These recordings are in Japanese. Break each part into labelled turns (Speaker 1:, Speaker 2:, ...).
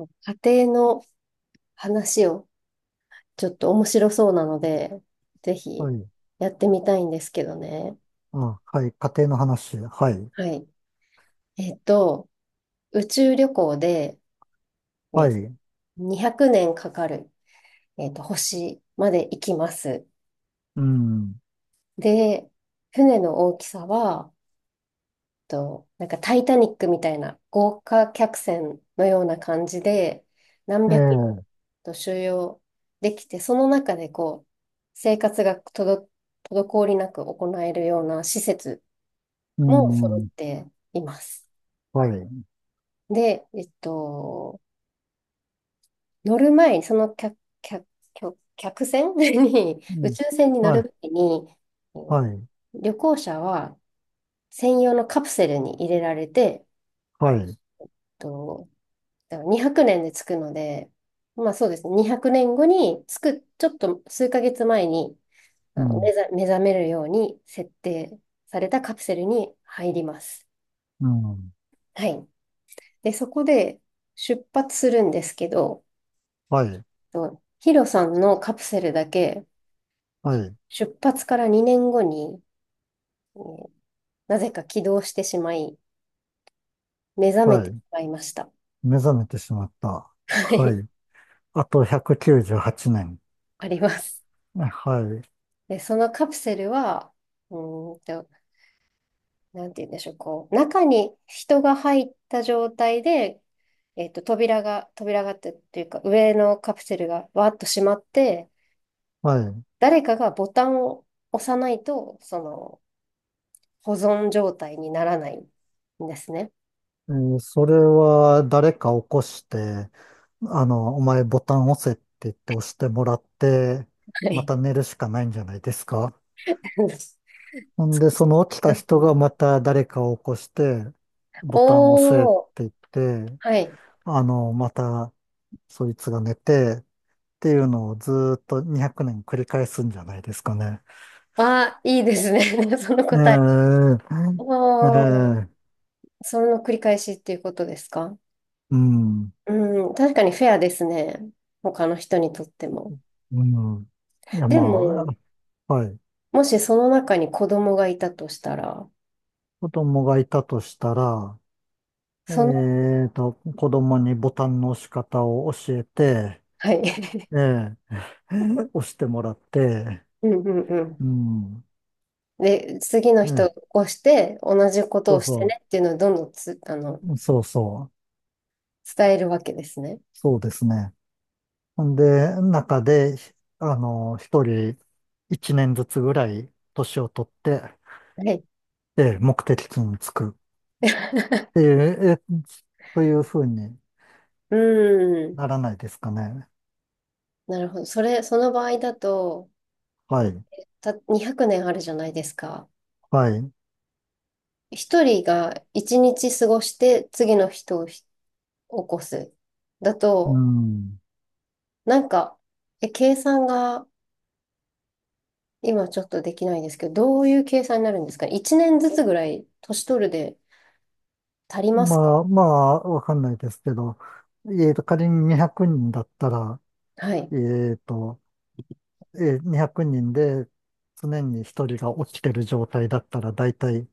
Speaker 1: 家庭の話をちょっと面白そうなので、ぜひ
Speaker 2: はい。
Speaker 1: やってみたいんですけどね。
Speaker 2: あ、はい。家庭の話。はい。
Speaker 1: はい。えっと、宇宙旅行で、
Speaker 2: は
Speaker 1: ね、
Speaker 2: い。
Speaker 1: 200年かかる、星まで行きます。
Speaker 2: うん。
Speaker 1: で、船の大きさはと、なんかタイタニックみたいな豪華客船のような感じで、何
Speaker 2: え
Speaker 1: 百人
Speaker 2: え。
Speaker 1: と収容できて、その中でこう、生活がとど、滞りなく行えるような施設
Speaker 2: う
Speaker 1: も揃っ
Speaker 2: ん。
Speaker 1: ています。
Speaker 2: はい。
Speaker 1: で、乗る前に、客客船 に、
Speaker 2: う
Speaker 1: 宇
Speaker 2: ん。
Speaker 1: 宙船に乗
Speaker 2: はい。
Speaker 1: る前に、え
Speaker 2: は
Speaker 1: ー
Speaker 2: い。
Speaker 1: 旅行者は専用のカプセルに入れられて、
Speaker 2: はい。
Speaker 1: とだから200年で着くので、まあそうですね、200年後に着く、ちょっと数ヶ月前に
Speaker 2: うん。
Speaker 1: 目覚めるように設定されたカプセルに入ります。
Speaker 2: うん。
Speaker 1: はい。で、そこで出発するんですけど、
Speaker 2: はい。
Speaker 1: とヒロさんのカプセルだけ
Speaker 2: はい。
Speaker 1: 出発から2年後に、えーなぜか起動してしまい、目覚めて
Speaker 2: は
Speaker 1: し
Speaker 2: い。
Speaker 1: まいました。
Speaker 2: 目覚めてしまった。
Speaker 1: は
Speaker 2: は
Speaker 1: い、
Speaker 2: い。あと198年。
Speaker 1: あります。
Speaker 2: はい。
Speaker 1: で、そのカプセルは、うーんとなんて言うんでしょう、こう、中に人が入った状態で、えっと、扉がってっていうか、上のカプセルがわーっと閉まって、
Speaker 2: はい。
Speaker 1: 誰かがボタンを押さないと、その、保存状態にならないんですね。
Speaker 2: それは誰か起こして、お前ボタン押せって言って押してもらって、
Speaker 1: は
Speaker 2: ま
Speaker 1: い。
Speaker 2: た寝るしかないんじゃないですか？ ほんで、その起きた人がまた誰かを起こして、ボタンを押せっ
Speaker 1: おー、
Speaker 2: て言って、
Speaker 1: はい。
Speaker 2: またそいつが寝てっていうのをずーっと200年繰り返すんじゃないですかね。
Speaker 1: あー、いいですね。その答え。
Speaker 2: ええ
Speaker 1: おー、
Speaker 2: ええ
Speaker 1: その繰り返しっていうことですか？
Speaker 2: うん、
Speaker 1: うん、確かにフェアですね。他の人にとっても。
Speaker 2: うん。いや、
Speaker 1: で
Speaker 2: ま
Speaker 1: も、
Speaker 2: あ、はい。
Speaker 1: もしその中に子供がいたとしたら、
Speaker 2: 子供がいたとしたら、
Speaker 1: その、
Speaker 2: 子供にボタンの押し方を教えて、
Speaker 1: はい。
Speaker 2: ええ押してもらって、
Speaker 1: うんうんうん。
Speaker 2: うん。
Speaker 1: で、次の人
Speaker 2: え
Speaker 1: を
Speaker 2: え
Speaker 1: 起こして、同じこと
Speaker 2: そ
Speaker 1: を
Speaker 2: う
Speaker 1: して
Speaker 2: そ
Speaker 1: ね
Speaker 2: う。
Speaker 1: っていうのをどんどんつ、あの、
Speaker 2: そうそう、
Speaker 1: 伝えるわけですね。
Speaker 2: そうですね。で、中で、一人一年ずつぐらい年を取って、
Speaker 1: はい。
Speaker 2: で、目的地に着くって いう、というふうに
Speaker 1: うん。
Speaker 2: ならないですかね。
Speaker 1: なるほど。それ、その場合だと、
Speaker 2: はい、
Speaker 1: た、200年あるじゃないですか。
Speaker 2: はい。
Speaker 1: 一人が一日過ごして次の人を起こす。だ
Speaker 2: う
Speaker 1: と、
Speaker 2: ん。
Speaker 1: なんか、え、計算が今ちょっとできないですけど、どういう計算になるんですか？ 1 年ずつぐらい年取るで足りますか？
Speaker 2: まあ、まあ、わかんないですけど、仮に200人だったら、
Speaker 1: はい。
Speaker 2: えっと、2人で常に一人が起きてる状態だったら、だいたい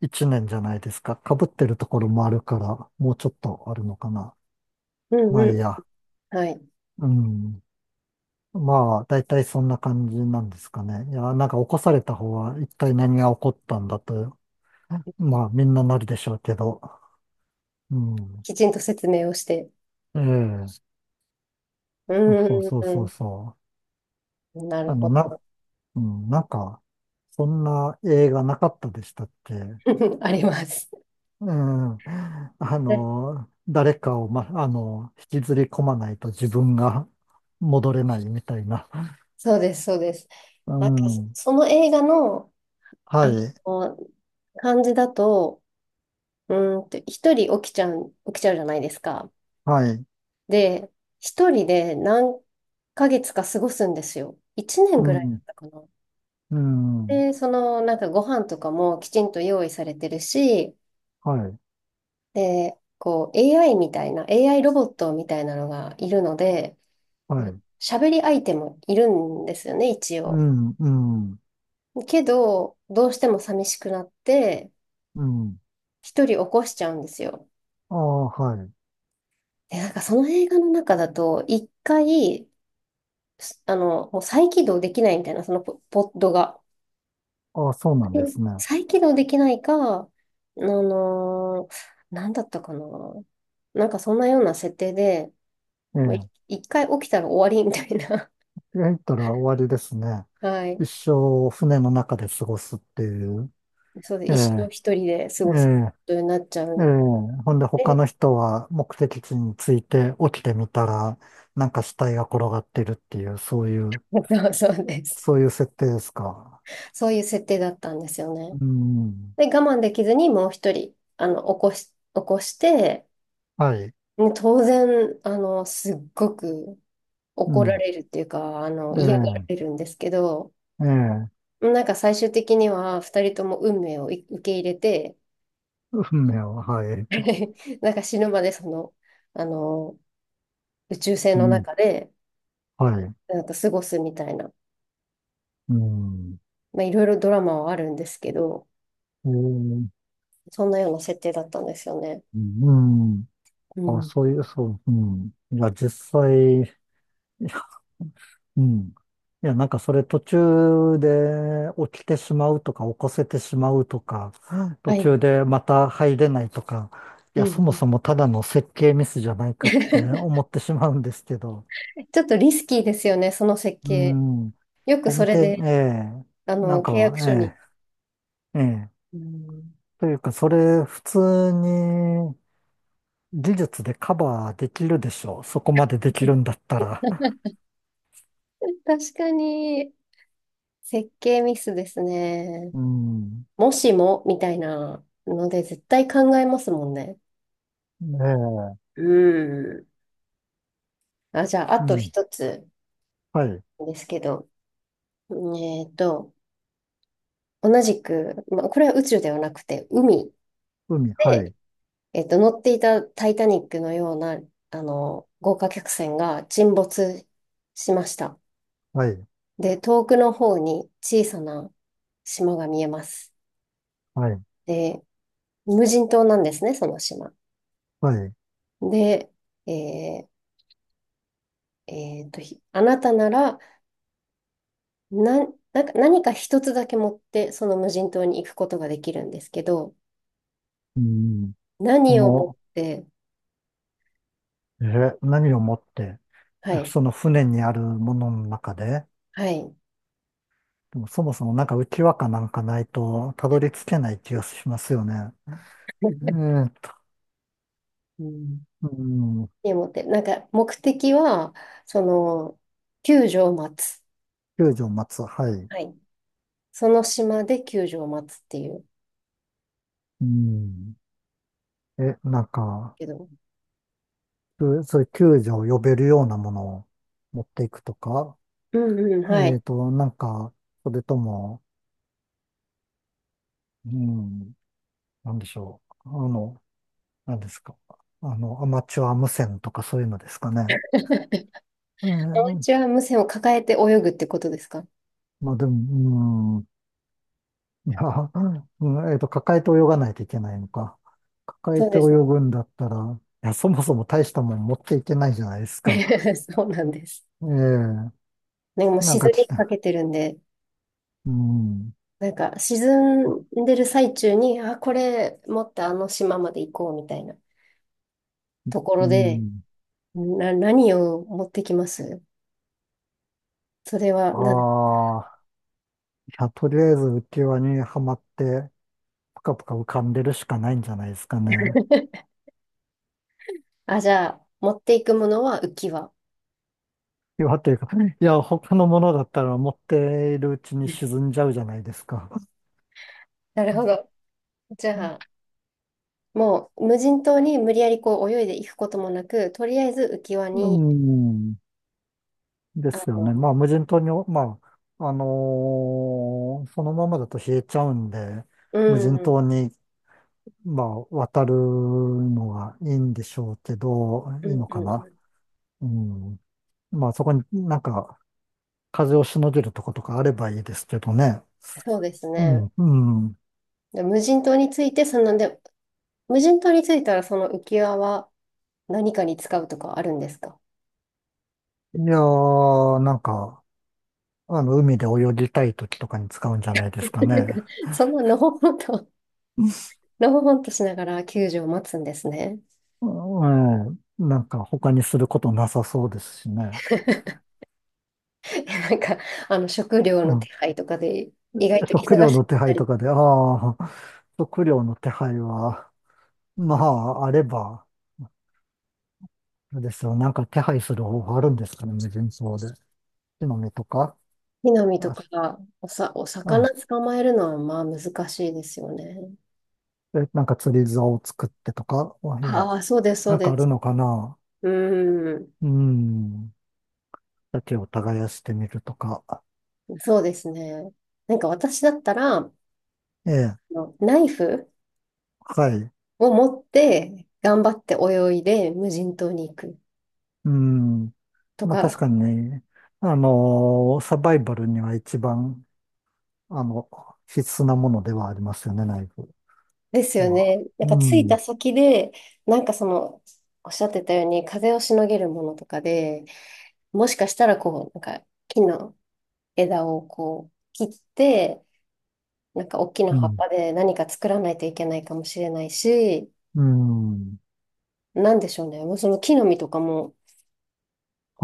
Speaker 2: 一年じゃないですか。被ってるところもあるから、もうちょっとあるのかな。
Speaker 1: うん
Speaker 2: ま
Speaker 1: う
Speaker 2: あいいや。
Speaker 1: ん。はい。
Speaker 2: うん。まあ、だいたいそんな感じなんですかね。いや、なんか起こされた方は一体何が起こったんだと、まあみんななるでしょうけど。うん。
Speaker 1: きちんと説明をして。
Speaker 2: ええ。
Speaker 1: う
Speaker 2: そう
Speaker 1: ん
Speaker 2: そう
Speaker 1: う
Speaker 2: そう
Speaker 1: ん
Speaker 2: そ
Speaker 1: うん。な
Speaker 2: う。
Speaker 1: るほど。
Speaker 2: なんか、そんな映画なかったでしたっけ？う
Speaker 1: あります。
Speaker 2: ん。
Speaker 1: ね、
Speaker 2: 誰かを、ま、あの、引きずり込まないと自分が戻れないみたいな。
Speaker 1: そうです、そうです。
Speaker 2: う
Speaker 1: なんか、そ
Speaker 2: ん。
Speaker 1: その映画の、
Speaker 2: は
Speaker 1: あ
Speaker 2: い。
Speaker 1: の、感じだと、一人起きちゃう、起きちゃうじゃないですか。
Speaker 2: はい。
Speaker 1: で、一人で何ヶ月か過ごすんですよ。一年
Speaker 2: う
Speaker 1: ぐらいだっ
Speaker 2: ん。
Speaker 1: たかな。
Speaker 2: うん。
Speaker 1: で、その、なんかご飯とかもきちんと用意されてるし、
Speaker 2: はい。
Speaker 1: で、こう、AI みたいな、AI ロボットみたいなのがいるので、
Speaker 2: はい。
Speaker 1: 喋り相手もいるんですよね、一
Speaker 2: う
Speaker 1: 応。
Speaker 2: ん。うん。
Speaker 1: けど、どうしても寂しくなって、
Speaker 2: うん。
Speaker 1: 一人起こしちゃうんですよ。
Speaker 2: ああ、はい。
Speaker 1: で、なんかその映画の中だと、一回、あの、もう再起動できないみたいな、ポッドが。
Speaker 2: ああ、そうなん
Speaker 1: え
Speaker 2: ですね。
Speaker 1: 再起動できないか、あのーなんだったかな。なんかそんなような設定で、
Speaker 2: え
Speaker 1: もう
Speaker 2: え。
Speaker 1: 一回起きたら終わりみたいな。
Speaker 2: 入ったら終わりですね。
Speaker 1: はい。
Speaker 2: 一生船の中で過ごすっていう。
Speaker 1: そうで、
Speaker 2: え
Speaker 1: 一生
Speaker 2: え。
Speaker 1: 一人で過
Speaker 2: え
Speaker 1: ごすこ
Speaker 2: え。
Speaker 1: とになっちゃ
Speaker 2: え
Speaker 1: う
Speaker 2: え。
Speaker 1: ん
Speaker 2: ほんで他の
Speaker 1: で、
Speaker 2: 人は目的地に着いて起きてみたら、なんか死体が転がってるっていう、そういう、
Speaker 1: そうそうです。
Speaker 2: そういう設定ですか？
Speaker 1: そういう設定だったんですよね。
Speaker 2: うん。
Speaker 1: で、我慢できずにもう一人、あの、起こし、起こして、
Speaker 2: はい。
Speaker 1: もう当然、あの、すっごく
Speaker 2: う
Speaker 1: 怒ら
Speaker 2: ん。
Speaker 1: れるっていうか、あの、嫌がら
Speaker 2: え
Speaker 1: れるんですけど、
Speaker 2: え。ええ。
Speaker 1: なんか最終的には二人とも運命を受け入れて、
Speaker 2: 運命は、はい。
Speaker 1: なんか死ぬまでその、あの、宇宙船
Speaker 2: う
Speaker 1: の
Speaker 2: ん、
Speaker 1: 中で
Speaker 2: はい。
Speaker 1: なんか過ごすみたいな、
Speaker 2: うん。
Speaker 1: まあ、いろいろドラマはあるんですけど、
Speaker 2: えー、
Speaker 1: そんなような設定だったんですよね。
Speaker 2: うん。
Speaker 1: う
Speaker 2: あ、
Speaker 1: ん。
Speaker 2: そういう、そう、うん。いや、実際、いやうん。いや、なんかそれ途中で起きてしまうとか、起こせてしまうとか、途
Speaker 1: はい。
Speaker 2: 中でまた入れないとか、い
Speaker 1: う
Speaker 2: や、
Speaker 1: ん
Speaker 2: そも
Speaker 1: うん。
Speaker 2: そもただの設計ミスじゃないかっ て思ってしまうんですけど、
Speaker 1: ちょっとリスキーですよね、その設
Speaker 2: う
Speaker 1: 計。
Speaker 2: ん。
Speaker 1: よくそ
Speaker 2: 根
Speaker 1: れ
Speaker 2: 底、え
Speaker 1: で、
Speaker 2: え
Speaker 1: あ
Speaker 2: なん
Speaker 1: の、契
Speaker 2: か、
Speaker 1: 約書に。
Speaker 2: ええええ
Speaker 1: うん。
Speaker 2: というか、それ普通に、技術でカバーできるでしょう。そこまでできるん だったら。
Speaker 1: 確かに、設計ミスですね。
Speaker 2: うん。
Speaker 1: もしも、みたいなので、絶対考えますもんね。
Speaker 2: ねえ。
Speaker 1: うん。あ、じゃあ、あ
Speaker 2: う
Speaker 1: と
Speaker 2: ん。
Speaker 1: 一つ
Speaker 2: はい。
Speaker 1: ですけど、えっと、同じく、まあ、これは宇宙ではなくて、海
Speaker 2: 海、は
Speaker 1: で、
Speaker 2: い。
Speaker 1: 乗っていたタイタニックのような、あの、豪華客船が沈没しました。
Speaker 2: はい。
Speaker 1: で、遠くの方に小さな島が見えます。
Speaker 2: はい。
Speaker 1: で、無人島なんですね、その島。
Speaker 2: はい。
Speaker 1: で、えあなたなら、な、なんか何か一つだけ持って、その無人島に行くことができるんですけど、
Speaker 2: うん。こ
Speaker 1: 何を持っ
Speaker 2: の、
Speaker 1: て、
Speaker 2: 何を持って、
Speaker 1: はい、
Speaker 2: その船にあるものの中で、
Speaker 1: はい。
Speaker 2: でもそもそもなんか浮き輪かなんかないと、たどり着けない気がしますよね。え ーと、
Speaker 1: うん。
Speaker 2: うん。
Speaker 1: 何を持って、なんか目的は、その、救助を待つ。
Speaker 2: 救助を待つ。はい。
Speaker 1: はい。その島で救助を待つっていう。
Speaker 2: うん。え、なんか、
Speaker 1: けど、
Speaker 2: そういう救助を呼べるようなものを持っていくとか、
Speaker 1: うんうん、はい。
Speaker 2: なんか、それとも、うん、なんでしょう。なんですか。アマチュア無線とかそういうのですかね。え
Speaker 1: お
Speaker 2: ー
Speaker 1: 家は無線を抱えて泳ぐってことですか？
Speaker 2: まあでも、うん、いや、うん抱えて泳がないといけないのか。抱え
Speaker 1: そう
Speaker 2: て
Speaker 1: で
Speaker 2: 泳
Speaker 1: すね。
Speaker 2: ぐんだったら、いや、そもそも大したもん持っていけないじゃないですか。
Speaker 1: そうなんです。
Speaker 2: ええ
Speaker 1: ね、もう
Speaker 2: なん
Speaker 1: 沈
Speaker 2: か来
Speaker 1: みか
Speaker 2: た。
Speaker 1: けてるんで、
Speaker 2: うん。
Speaker 1: なんか沈
Speaker 2: あ
Speaker 1: んでる最中に、あ、これ持ってあの島まで行こうみたいなとこ
Speaker 2: う
Speaker 1: ろで、
Speaker 2: ん。
Speaker 1: 何を持ってきますそれは、
Speaker 2: ああ、いや、とりあえず浮き輪にはまって、ぷかぷか浮かんでるしかないんじゃないですかね。
Speaker 1: あ、じゃあ、持っていくものは浮き輪。
Speaker 2: 岩というか、いや、他のものだったら持っているうちに 沈んじゃうじゃないですか。
Speaker 1: なるほど。じゃあ、もう無人島に無理やりこう泳いでいくこともなく、とりあえず浮き輪
Speaker 2: う
Speaker 1: に、
Speaker 2: ん、で
Speaker 1: あ
Speaker 2: すよ
Speaker 1: の、
Speaker 2: ね。まあ、無人島に、まあ、そのままだと冷えちゃうんで、
Speaker 1: う
Speaker 2: 無
Speaker 1: ん、
Speaker 2: 人
Speaker 1: うん、
Speaker 2: 島に、まあ、渡るのがいいんでしょうけど、
Speaker 1: うん、
Speaker 2: いいの
Speaker 1: う
Speaker 2: かな。
Speaker 1: ん。
Speaker 2: うん。まあ、そこになんか、風をしのげるとことかあればいいですけどね。
Speaker 1: そうです
Speaker 2: う
Speaker 1: ね。
Speaker 2: ん、うん。
Speaker 1: で、無人島についたらその浮き輪は何かに使うとかあるんですか？
Speaker 2: いやー、なんか、海で泳ぎたい時とかに使うんじゃないで
Speaker 1: な
Speaker 2: すかね。
Speaker 1: んか、そんなのほほんと、のほほんとしながら救助を待つんですね。
Speaker 2: うん、うんなんか他にすることなさそうですしね。
Speaker 1: なんか、あの、食料の
Speaker 2: う
Speaker 1: 手
Speaker 2: ん、
Speaker 1: 配とかで意外と忙
Speaker 2: 食料
Speaker 1: しか
Speaker 2: の
Speaker 1: っ
Speaker 2: 手
Speaker 1: た
Speaker 2: 配と
Speaker 1: り、
Speaker 2: かで、ああ、食料の手配は、まあ、あれば、あれですよ、なんか手配する方法あるんですかね、無人島で。木の実とか、
Speaker 1: 木の実と
Speaker 2: あ、
Speaker 1: かおさ、お
Speaker 2: あ、
Speaker 1: 魚捕まえるのはまあ難しいですよね。
Speaker 2: なんか釣り竿を作ってとか、あいや、
Speaker 1: ああ、そうです、そう
Speaker 2: なんかあ
Speaker 1: で
Speaker 2: る
Speaker 1: す。
Speaker 2: のかな。
Speaker 1: うーん、
Speaker 2: うん、だを耕してみるとか。
Speaker 1: そうですね。なんか私だったら、あ
Speaker 2: ええ
Speaker 1: のナイフ
Speaker 2: はい。
Speaker 1: を持って頑張って泳いで無人島に行く
Speaker 2: うん。
Speaker 1: と
Speaker 2: まあ確
Speaker 1: か
Speaker 2: かにね、サバイバルには一番、あの、必須なものではありますよね、ナイフ
Speaker 1: ですよ
Speaker 2: は。
Speaker 1: ね。なん
Speaker 2: う
Speaker 1: か着いた
Speaker 2: ん。
Speaker 1: 先で、なんかその、おっしゃってたように、風をしのげるものとかで、もしかしたらこう、なんか木の枝をこう切って、なんか大きな
Speaker 2: う
Speaker 1: 葉っ
Speaker 2: ん。
Speaker 1: ぱで何か作らないといけないかもしれないし、
Speaker 2: うん。
Speaker 1: なんでしょうね。もうその木の実とかも、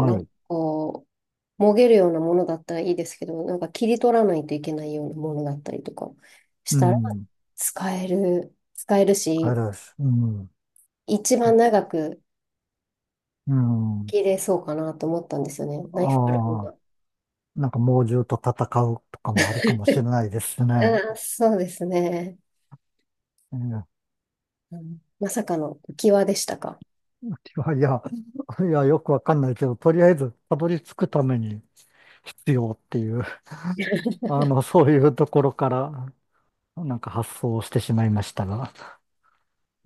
Speaker 1: なんか
Speaker 2: い。
Speaker 1: こう、もげるようなものだったらいいですけど、なんか切り取らないといけないようなものだったりとかし
Speaker 2: う
Speaker 1: たら、
Speaker 2: ん。
Speaker 1: 使える
Speaker 2: あ
Speaker 1: し、
Speaker 2: れです。うん。
Speaker 1: 一番長く、
Speaker 2: うん。
Speaker 1: 切れそうかなと思ったんですよね。
Speaker 2: あ
Speaker 1: ナイフプラン
Speaker 2: あ、
Speaker 1: が。
Speaker 2: なんか猛獣と戦うとかもあるかもしれ ないですね。
Speaker 1: あー、そうですね。
Speaker 2: ええ
Speaker 1: うん。まさかの浮き輪でしたか。
Speaker 2: いや、いや、いや、よくわかんないけど、とりあえずたどり着くために必要っていう、そういうところからなんか発想してしまいましたが。